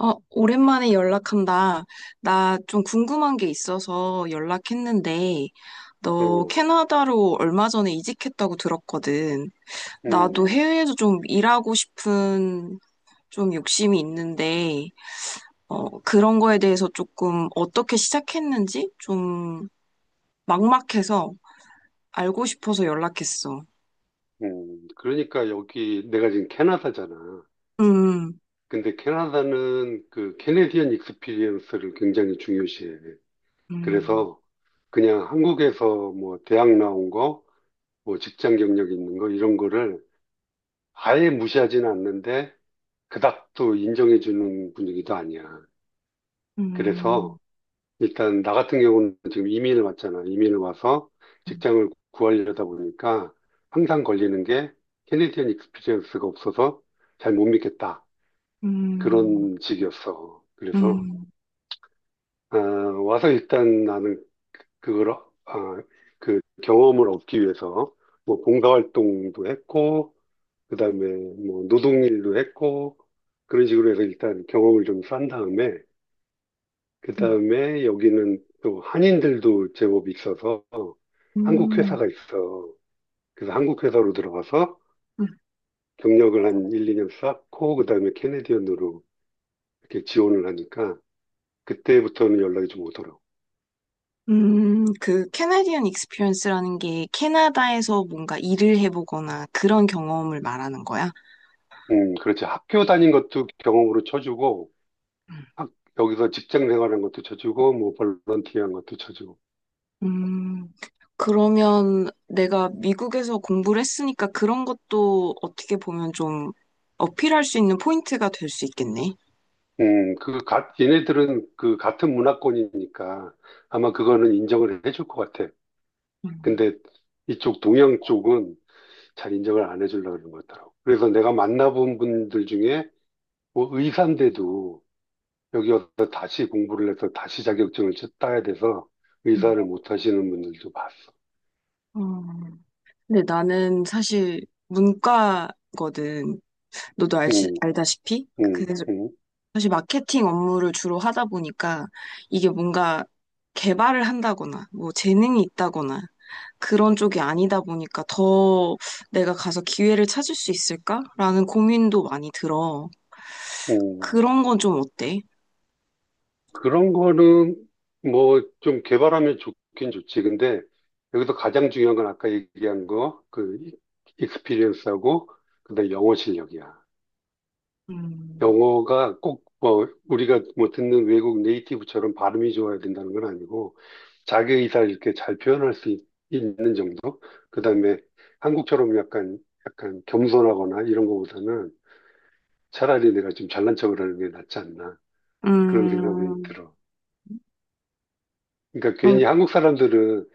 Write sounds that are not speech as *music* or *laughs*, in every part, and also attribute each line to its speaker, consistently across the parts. Speaker 1: 어, 오랜만에 연락한다. 나 좀 궁금한 게 있어서 연락했는데, 너
Speaker 2: 어,
Speaker 1: 캐나다로 얼마 전에 이직했다고 들었거든.
Speaker 2: 음,
Speaker 1: 나도 해외에서 좀 일하고 싶은 좀 욕심이 있는데, 어, 그런 거에 대해서 조금 어떻게 시작했는지 좀 막막해서 알고 싶어서 연락했어.
Speaker 2: 그러니까 여기 내가 지금 캐나다잖아.
Speaker 1: 음,
Speaker 2: 근데 캐나다는 그 캐네디언 익스피리언스를 굉장히 중요시해.
Speaker 1: 음,
Speaker 2: 그래서 그냥 한국에서 뭐 대학 나온 거, 뭐 직장 경력 있는 거 이런 거를 아예 무시하지는 않는데 그닥 또 인정해 주는 분위기도 아니야. 그래서
Speaker 1: 음,
Speaker 2: 일단 나 같은 경우는 지금 이민을 왔잖아. 이민을 와서 직장을 구하려다 보니까 항상 걸리는 게 캐네디언 익스피리언스가 없어서 잘 못 믿겠다.
Speaker 1: 음, 음,
Speaker 2: 그런 식이었어. 그래서
Speaker 1: 음,
Speaker 2: 아, 와서 일단 나는 그걸 어- 아, 그 경험을 얻기 위해서 뭐 봉사활동도 했고 그다음에 뭐 노동일도 했고 그런 식으로 해서 일단 경험을 좀 쌓은 다음에 그
Speaker 1: 음,
Speaker 2: 다음에 여기는 또 한인들도 제법 있어서 한국
Speaker 1: 음,
Speaker 2: 회사가 있어. 그래서 한국 회사로 들어가서
Speaker 1: 음.
Speaker 2: 경력을 한 1, 2년 쌓고 그다음에 캐네디언으로 이렇게 지원을 하니까 그때부터는 연락이 좀 오더라고.
Speaker 1: 그 캐나디언 익스피리언스라는 게 캐나다에서 뭔가 일을 해보거나 그런 경험을 말하는 거야?
Speaker 2: 그렇지. 학교 다닌 것도 경험으로 쳐주고
Speaker 1: 음,
Speaker 2: 학- 여기서 직장 생활한 것도 쳐주고 뭐 볼런티어한 것도 쳐주고.
Speaker 1: 음, 그러면 내가 미국에서 공부를 했으니까 그런 것도 어떻게 보면 좀 어필할 수 있는 포인트가 될 수 있겠네.
Speaker 2: 얘네들은 그 같은 문화권이니까 아마 그거는 인정을 해줄 것 같아.
Speaker 1: 음,
Speaker 2: 근데 이쪽 동양 쪽은 잘 인정을 안 해주려고 그러는 것 같더라고. 그래서 내가 만나본 분들 중에 뭐 의사인데도 여기 와서 다시 공부를 해서 다시 자격증을 따야 돼서
Speaker 1: 음.
Speaker 2: 의사를 못 하시는 분들도 봤어.
Speaker 1: 음, 근데 나는 사실 문과거든. 너도 알지,
Speaker 2: 음,
Speaker 1: 알다시피?
Speaker 2: 음,
Speaker 1: 그래서
Speaker 2: 음,
Speaker 1: 사실 마케팅 업무를 주로 하다 보니까 이게 뭔가 개발을 한다거나 뭐 재능이 있다거나 그런 쪽이 아니다 보니까 더 내가 가서 기회를 찾을 수 있을까라는 고민도 많이 들어.
Speaker 2: 음.
Speaker 1: 그런 건 좀 어때?
Speaker 2: 그런 거는 뭐 좀 개발하면 좋긴 좋지. 근데 여기서 가장 중요한 건 아까 얘기한 거, 그 익스피리언스하고 그다음에 영어 실력이야.
Speaker 1: 음,
Speaker 2: 영어가 꼭 뭐 우리가 뭐 듣는 외국 네이티브처럼 발음이 좋아야 된다는 건 아니고 자기 의사를 이렇게 잘 표현할 수 있, 는 정도? 그다음에 한국처럼 약간 겸손하거나 이런 거보다는 차라리 내가 좀 잘난 척을 하는 게 낫지 않나 그런 생각이
Speaker 1: 음,
Speaker 2: 들어. 그러니까
Speaker 1: 그럼,
Speaker 2: 괜히 한국 사람들은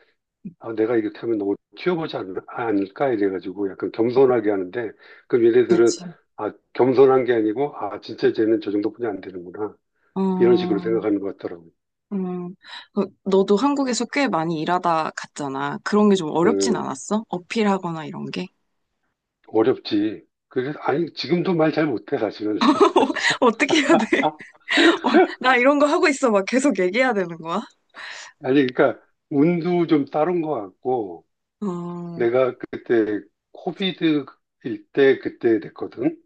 Speaker 2: 아, 내가 이렇게 하면 너무 않을까 이래가지고 약간 겸손하게 하는데 그럼 얘네들은
Speaker 1: 그치.
Speaker 2: 아, 겸손한 게 아니고 아, 진짜 쟤는 저 정도뿐이 안 되는구나. 이런 식으로
Speaker 1: 어,
Speaker 2: 생각하는 것 같더라고요.
Speaker 1: 음, 그, 너도 한국에서 꽤 많이 일하다 갔잖아. 그런 게 좀 어렵진
Speaker 2: 음,
Speaker 1: 않았어? 어필하거나 이런 게?
Speaker 2: 어렵지. 그래서 아니, 지금도 말 잘 못해, 사실은. *laughs*
Speaker 1: *laughs* 어떻게 해야 돼?
Speaker 2: 아,
Speaker 1: 아, 나 이런 거 하고 있어. 막 계속 얘기해야 되는 거야?
Speaker 2: 아니, 그러니까, 운도 좀 따른 것 같고,
Speaker 1: 어,
Speaker 2: 내가 그때, 코비드일 때 그때 됐거든?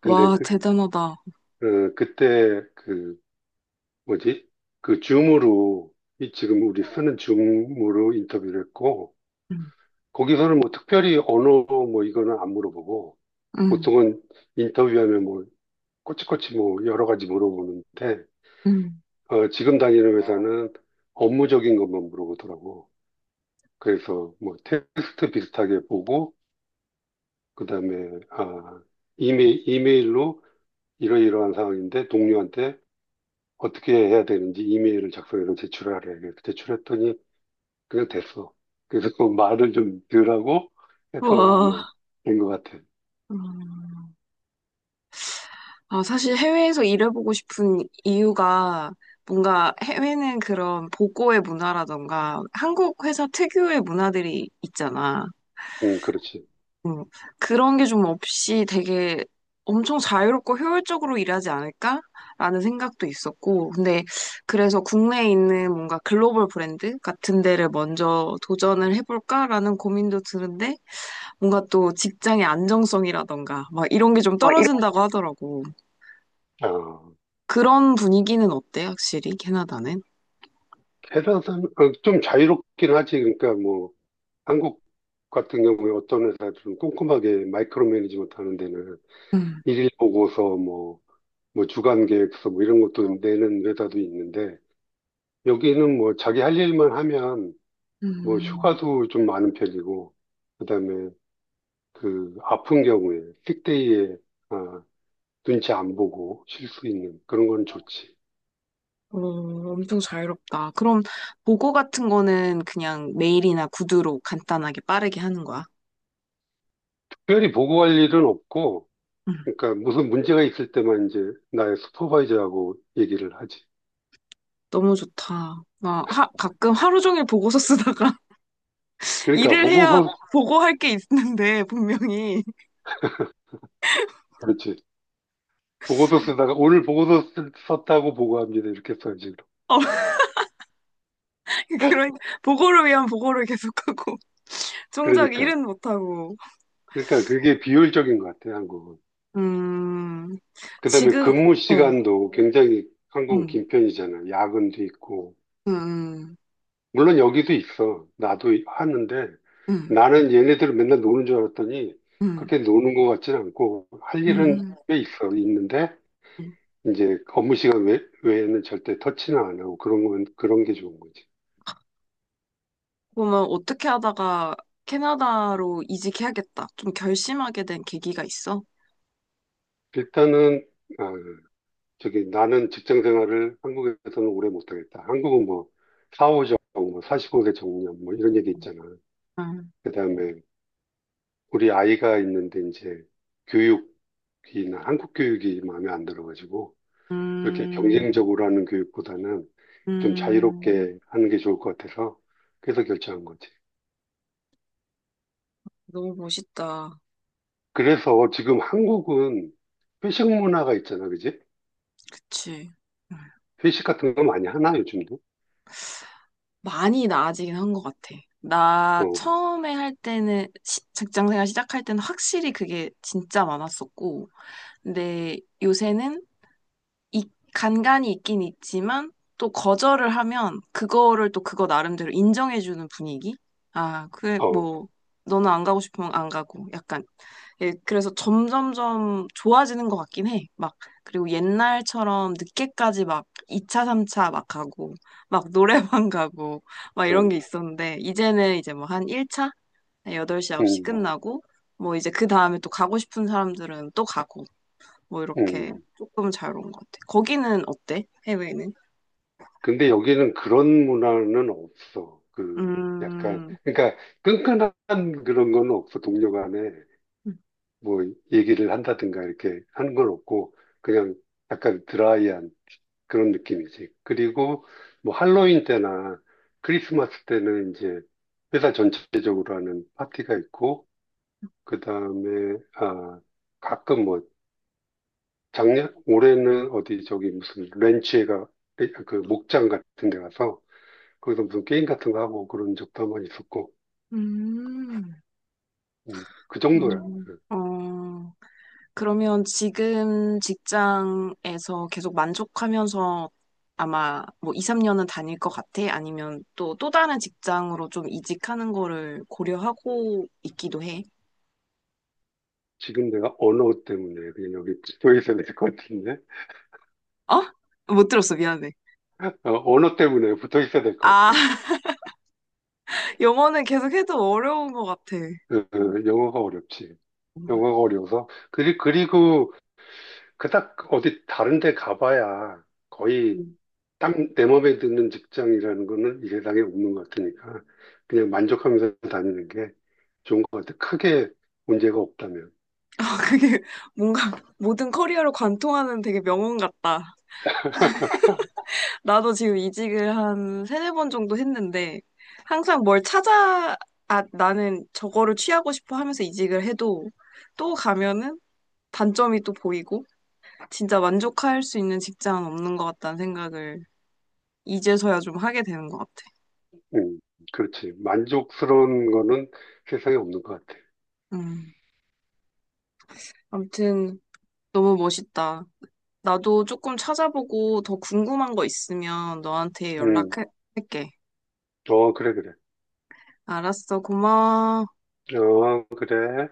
Speaker 2: 근데
Speaker 1: 와,
Speaker 2: 그,
Speaker 1: 대단하다.
Speaker 2: 어, 그때, 그, 뭐지? 그 줌으로, 이 지금 우리 쓰는 줌으로 인터뷰를 했고,
Speaker 1: 응,
Speaker 2: 거기서는 뭐 특별히 언어 뭐 이거는 안 물어보고,
Speaker 1: 응,
Speaker 2: 보통은 인터뷰하면 뭐, 꼬치꼬치 뭐 여러 가지 물어보는데,
Speaker 1: 응.
Speaker 2: 어, 지금 다니는 회사는 업무적인 것만 물어보더라고. 그래서 뭐 테스트 비슷하게 보고, 그 다음에, 이메일로 이러이러한 상황인데 동료한테 어떻게 해야 되는지 이메일을 작성해서 제출하래. 그래서 제출했더니 그냥 됐어. 그래서 그 말을 좀 덜하고 해서 아마
Speaker 1: 와.
Speaker 2: 된 것 같아.
Speaker 1: 음. 아, 사실 해외에서 일해보고 싶은 이유가 뭔가 해외는 그런 보고의 문화라던가 한국 회사 특유의 문화들이 있잖아.
Speaker 2: 응, 그렇지.
Speaker 1: 음, 그런 게 좀 없이 되게 엄청 자유롭고 효율적으로 일하지 않을까라는 생각도 있었고, 근데 그래서 국내에 있는 뭔가 글로벌 브랜드 같은 데를 먼저 도전을 해볼까라는 고민도 드는데, 뭔가 또 직장의 안정성이라던가, 막 이런 게 좀
Speaker 2: 아, 이
Speaker 1: 떨어진다고 하더라고. 그런 분위기는 어때, 확실히, 캐나다는?
Speaker 2: 좀 자유롭긴 하지. 그러니까 뭐, 한국 같은 경우에 어떤 회사들은 꼼꼼하게 마이크로 매니지먼트 하는 데는
Speaker 1: 음,
Speaker 2: 일일 보고서 뭐, 뭐 주간 계획서 뭐 이런 것도 내는 회사도 있는데 여기는 뭐 자기 할 일만 하면 뭐
Speaker 1: 음,
Speaker 2: 휴가도 좀 많은 편이고 그다음에 그 아픈 경우에 식데이에 아, 눈치 안 보고 쉴 수 있는 그런 건 좋지.
Speaker 1: 어, 엄청 자유롭다. 그럼 보고 같은 거는 그냥 메일이나 구두로 간단하게 빠르게 하는 거야?
Speaker 2: 특별히 보고할 일은 없고
Speaker 1: 음,
Speaker 2: 그러니까 무슨 문제가 있을 때만 이제 나의 슈퍼바이저하고 얘기를 하지.
Speaker 1: 너무 좋다. 나 하, 가끔 하루 종일 보고서 쓰다가 *laughs*
Speaker 2: 그러니까
Speaker 1: 일을 해야
Speaker 2: 보고서
Speaker 1: 보고할 게 있는데 분명히 *laughs*
Speaker 2: 그렇지. 보고서 쓰다가 오늘 보고서 쓰- 썼다고 보고합니다. 이렇게 써요, 지금.
Speaker 1: 어, 그런 보고를 위한 보고를 계속하고 *laughs* 정작
Speaker 2: 그러니까.
Speaker 1: 일은 못하고.
Speaker 2: 그러니까 그게 비효율적인 것 같아요, 한국은.
Speaker 1: 음.
Speaker 2: 그다음에
Speaker 1: 지금.
Speaker 2: 근무
Speaker 1: 어,
Speaker 2: 시간도 굉장히 한국은
Speaker 1: 음,
Speaker 2: 긴 편이잖아요. 야근도 있고.
Speaker 1: 음,
Speaker 2: 물론 여기도 있어. 나도 하는데
Speaker 1: 음,
Speaker 2: 나는 얘네들은 맨날 노는 줄 알았더니
Speaker 1: 음,
Speaker 2: 그렇게 노는 것 같지는 않고 할
Speaker 1: 음,
Speaker 2: 일은
Speaker 1: 음.
Speaker 2: 꽤 있어. 있는데
Speaker 1: 음.
Speaker 2: 이제 업무 시간 외에는 절대 터치는 안 하고 그런 건 그런 게 좋은 거지.
Speaker 1: 그러면 어떻게 하다가 캐나다로 이직해야겠다. 좀 결심하게 된 계기가 있어?
Speaker 2: 일단은 아, 저기 나는 직장 생활을 한국에서는 오래 못하겠다. 한국은 뭐 사오정뭐 45세 정년 뭐 이런 얘기 있잖아.
Speaker 1: 응.
Speaker 2: 그다음에 우리 아이가 있는데 이제 교육이나 한국 교육이 마음에 안 들어가지고 그렇게
Speaker 1: 음,
Speaker 2: 경쟁적으로 하는 교육보다는 좀
Speaker 1: 음, 음,
Speaker 2: 자유롭게 하는 게 좋을 것 같아서 그래서 결정한 거지.
Speaker 1: 너무 멋있다.
Speaker 2: 그래서 지금 한국은 회식 문화가 있잖아, 그지?
Speaker 1: 그치.
Speaker 2: 회식 같은 거 많이 하나 요즘도?
Speaker 1: 많이 나아지긴 한 것 같아. 나
Speaker 2: 어,
Speaker 1: 처음에 할 때는, 직장 생활 시작할 때는 확실히 그게 진짜 많았었고, 근데 요새는 이, 간간이 있긴 있지만, 또 거절을 하면 그거를 또 그거 나름대로 인정해주는 분위기? 아, 그래,
Speaker 2: 어,
Speaker 1: 뭐, 너는 안 가고 싶으면 안 가고, 약간 예, 그래서 점점점 좋아지는 것 같긴 해. 막, 그리고 옛날처럼 늦게까지 막 2차, 3차 막 가고, 막 노래방 *laughs* 가고, 막 이런 게
Speaker 2: 어,
Speaker 1: 있었는데, 이제는 이제 뭐 한 1차? 8시, 9시
Speaker 2: 음,
Speaker 1: 끝나고, 뭐 이제 그 다음에 또 가고 싶은 사람들은 또 가고, 뭐 이렇게
Speaker 2: 음.
Speaker 1: 조금 자유로운 것 같아. 거기는 어때? 해외는?
Speaker 2: 근데 여기는 그런 문화는 없어. 그 약간
Speaker 1: 음,
Speaker 2: 그러니까 끈끈한 그런 건 없어. 동료 간에 뭐 얘기를 한다든가 이렇게 하는 건 없고 그냥 약간 드라이한 그런 느낌이지. 그리고 뭐 할로윈 때나 크리스마스 때는 이제 회사 전체적으로 하는 파티가 있고 그다음에 아 가끔 뭐 작년 올해는 어디 저기 무슨 렌치에가 그 목장 같은 데 가서 거기서 무슨 게임 같은 거 하고 그런 적도 한 번 있었고,
Speaker 1: 음,
Speaker 2: 그 정도야. 그
Speaker 1: 어, 그러면 지금 직장에서 계속 만족하면서 아마 뭐 2, 3년은 다닐 것 같아? 아니면 또, 또 다른 직장으로 좀 이직하는 거를 고려하고 있기도 해?
Speaker 2: 지금 내가 언어 때문에 그냥 여기 붙어 있어야 될 것 같은데?
Speaker 1: 어? 못 들었어. 미안해.
Speaker 2: 어, 언어 때문에 붙어 있어야 될 것
Speaker 1: 아,
Speaker 2: 같아.
Speaker 1: *laughs* 영어는 계속 해도 어려운 것 같아.
Speaker 2: 그 영어가 어렵지.
Speaker 1: 음.
Speaker 2: 영어가 어려워서. 그리고 그닥 어디 다른 데 가봐야 거의
Speaker 1: *laughs*
Speaker 2: 딱 내 맘에 드는 직장이라는 거는 이 세상에 없는 것 같으니까 그냥 만족하면서 다니는 게 좋은 것 같아. 크게 문제가 없다면.
Speaker 1: 아, 그게 뭔가 모든 커리어를 관통하는 되게 명언 같다. 나도 지금 이직을 한 세네 번 정도 했는데, 항상 뭘 찾아, 아, 나는 저거를 취하고 싶어 하면서 이직을 해도, 또 가면은 단점이 또 보이고, 진짜 만족할 수 있는 직장은 없는 것 같다는 생각을 이제서야 좀 하게 되는 것 같아.
Speaker 2: 음, 그렇지. 만족스러운 거는 세상에 없는 것 같아.
Speaker 1: 음. 아무튼, 너무 멋있다. 나도 조금 찾아보고 더 궁금한 거 있으면 너한테
Speaker 2: 음,
Speaker 1: 연락할게.
Speaker 2: 어, 그래, 그래.
Speaker 1: 알았어, 고마워.
Speaker 2: 어, 그래.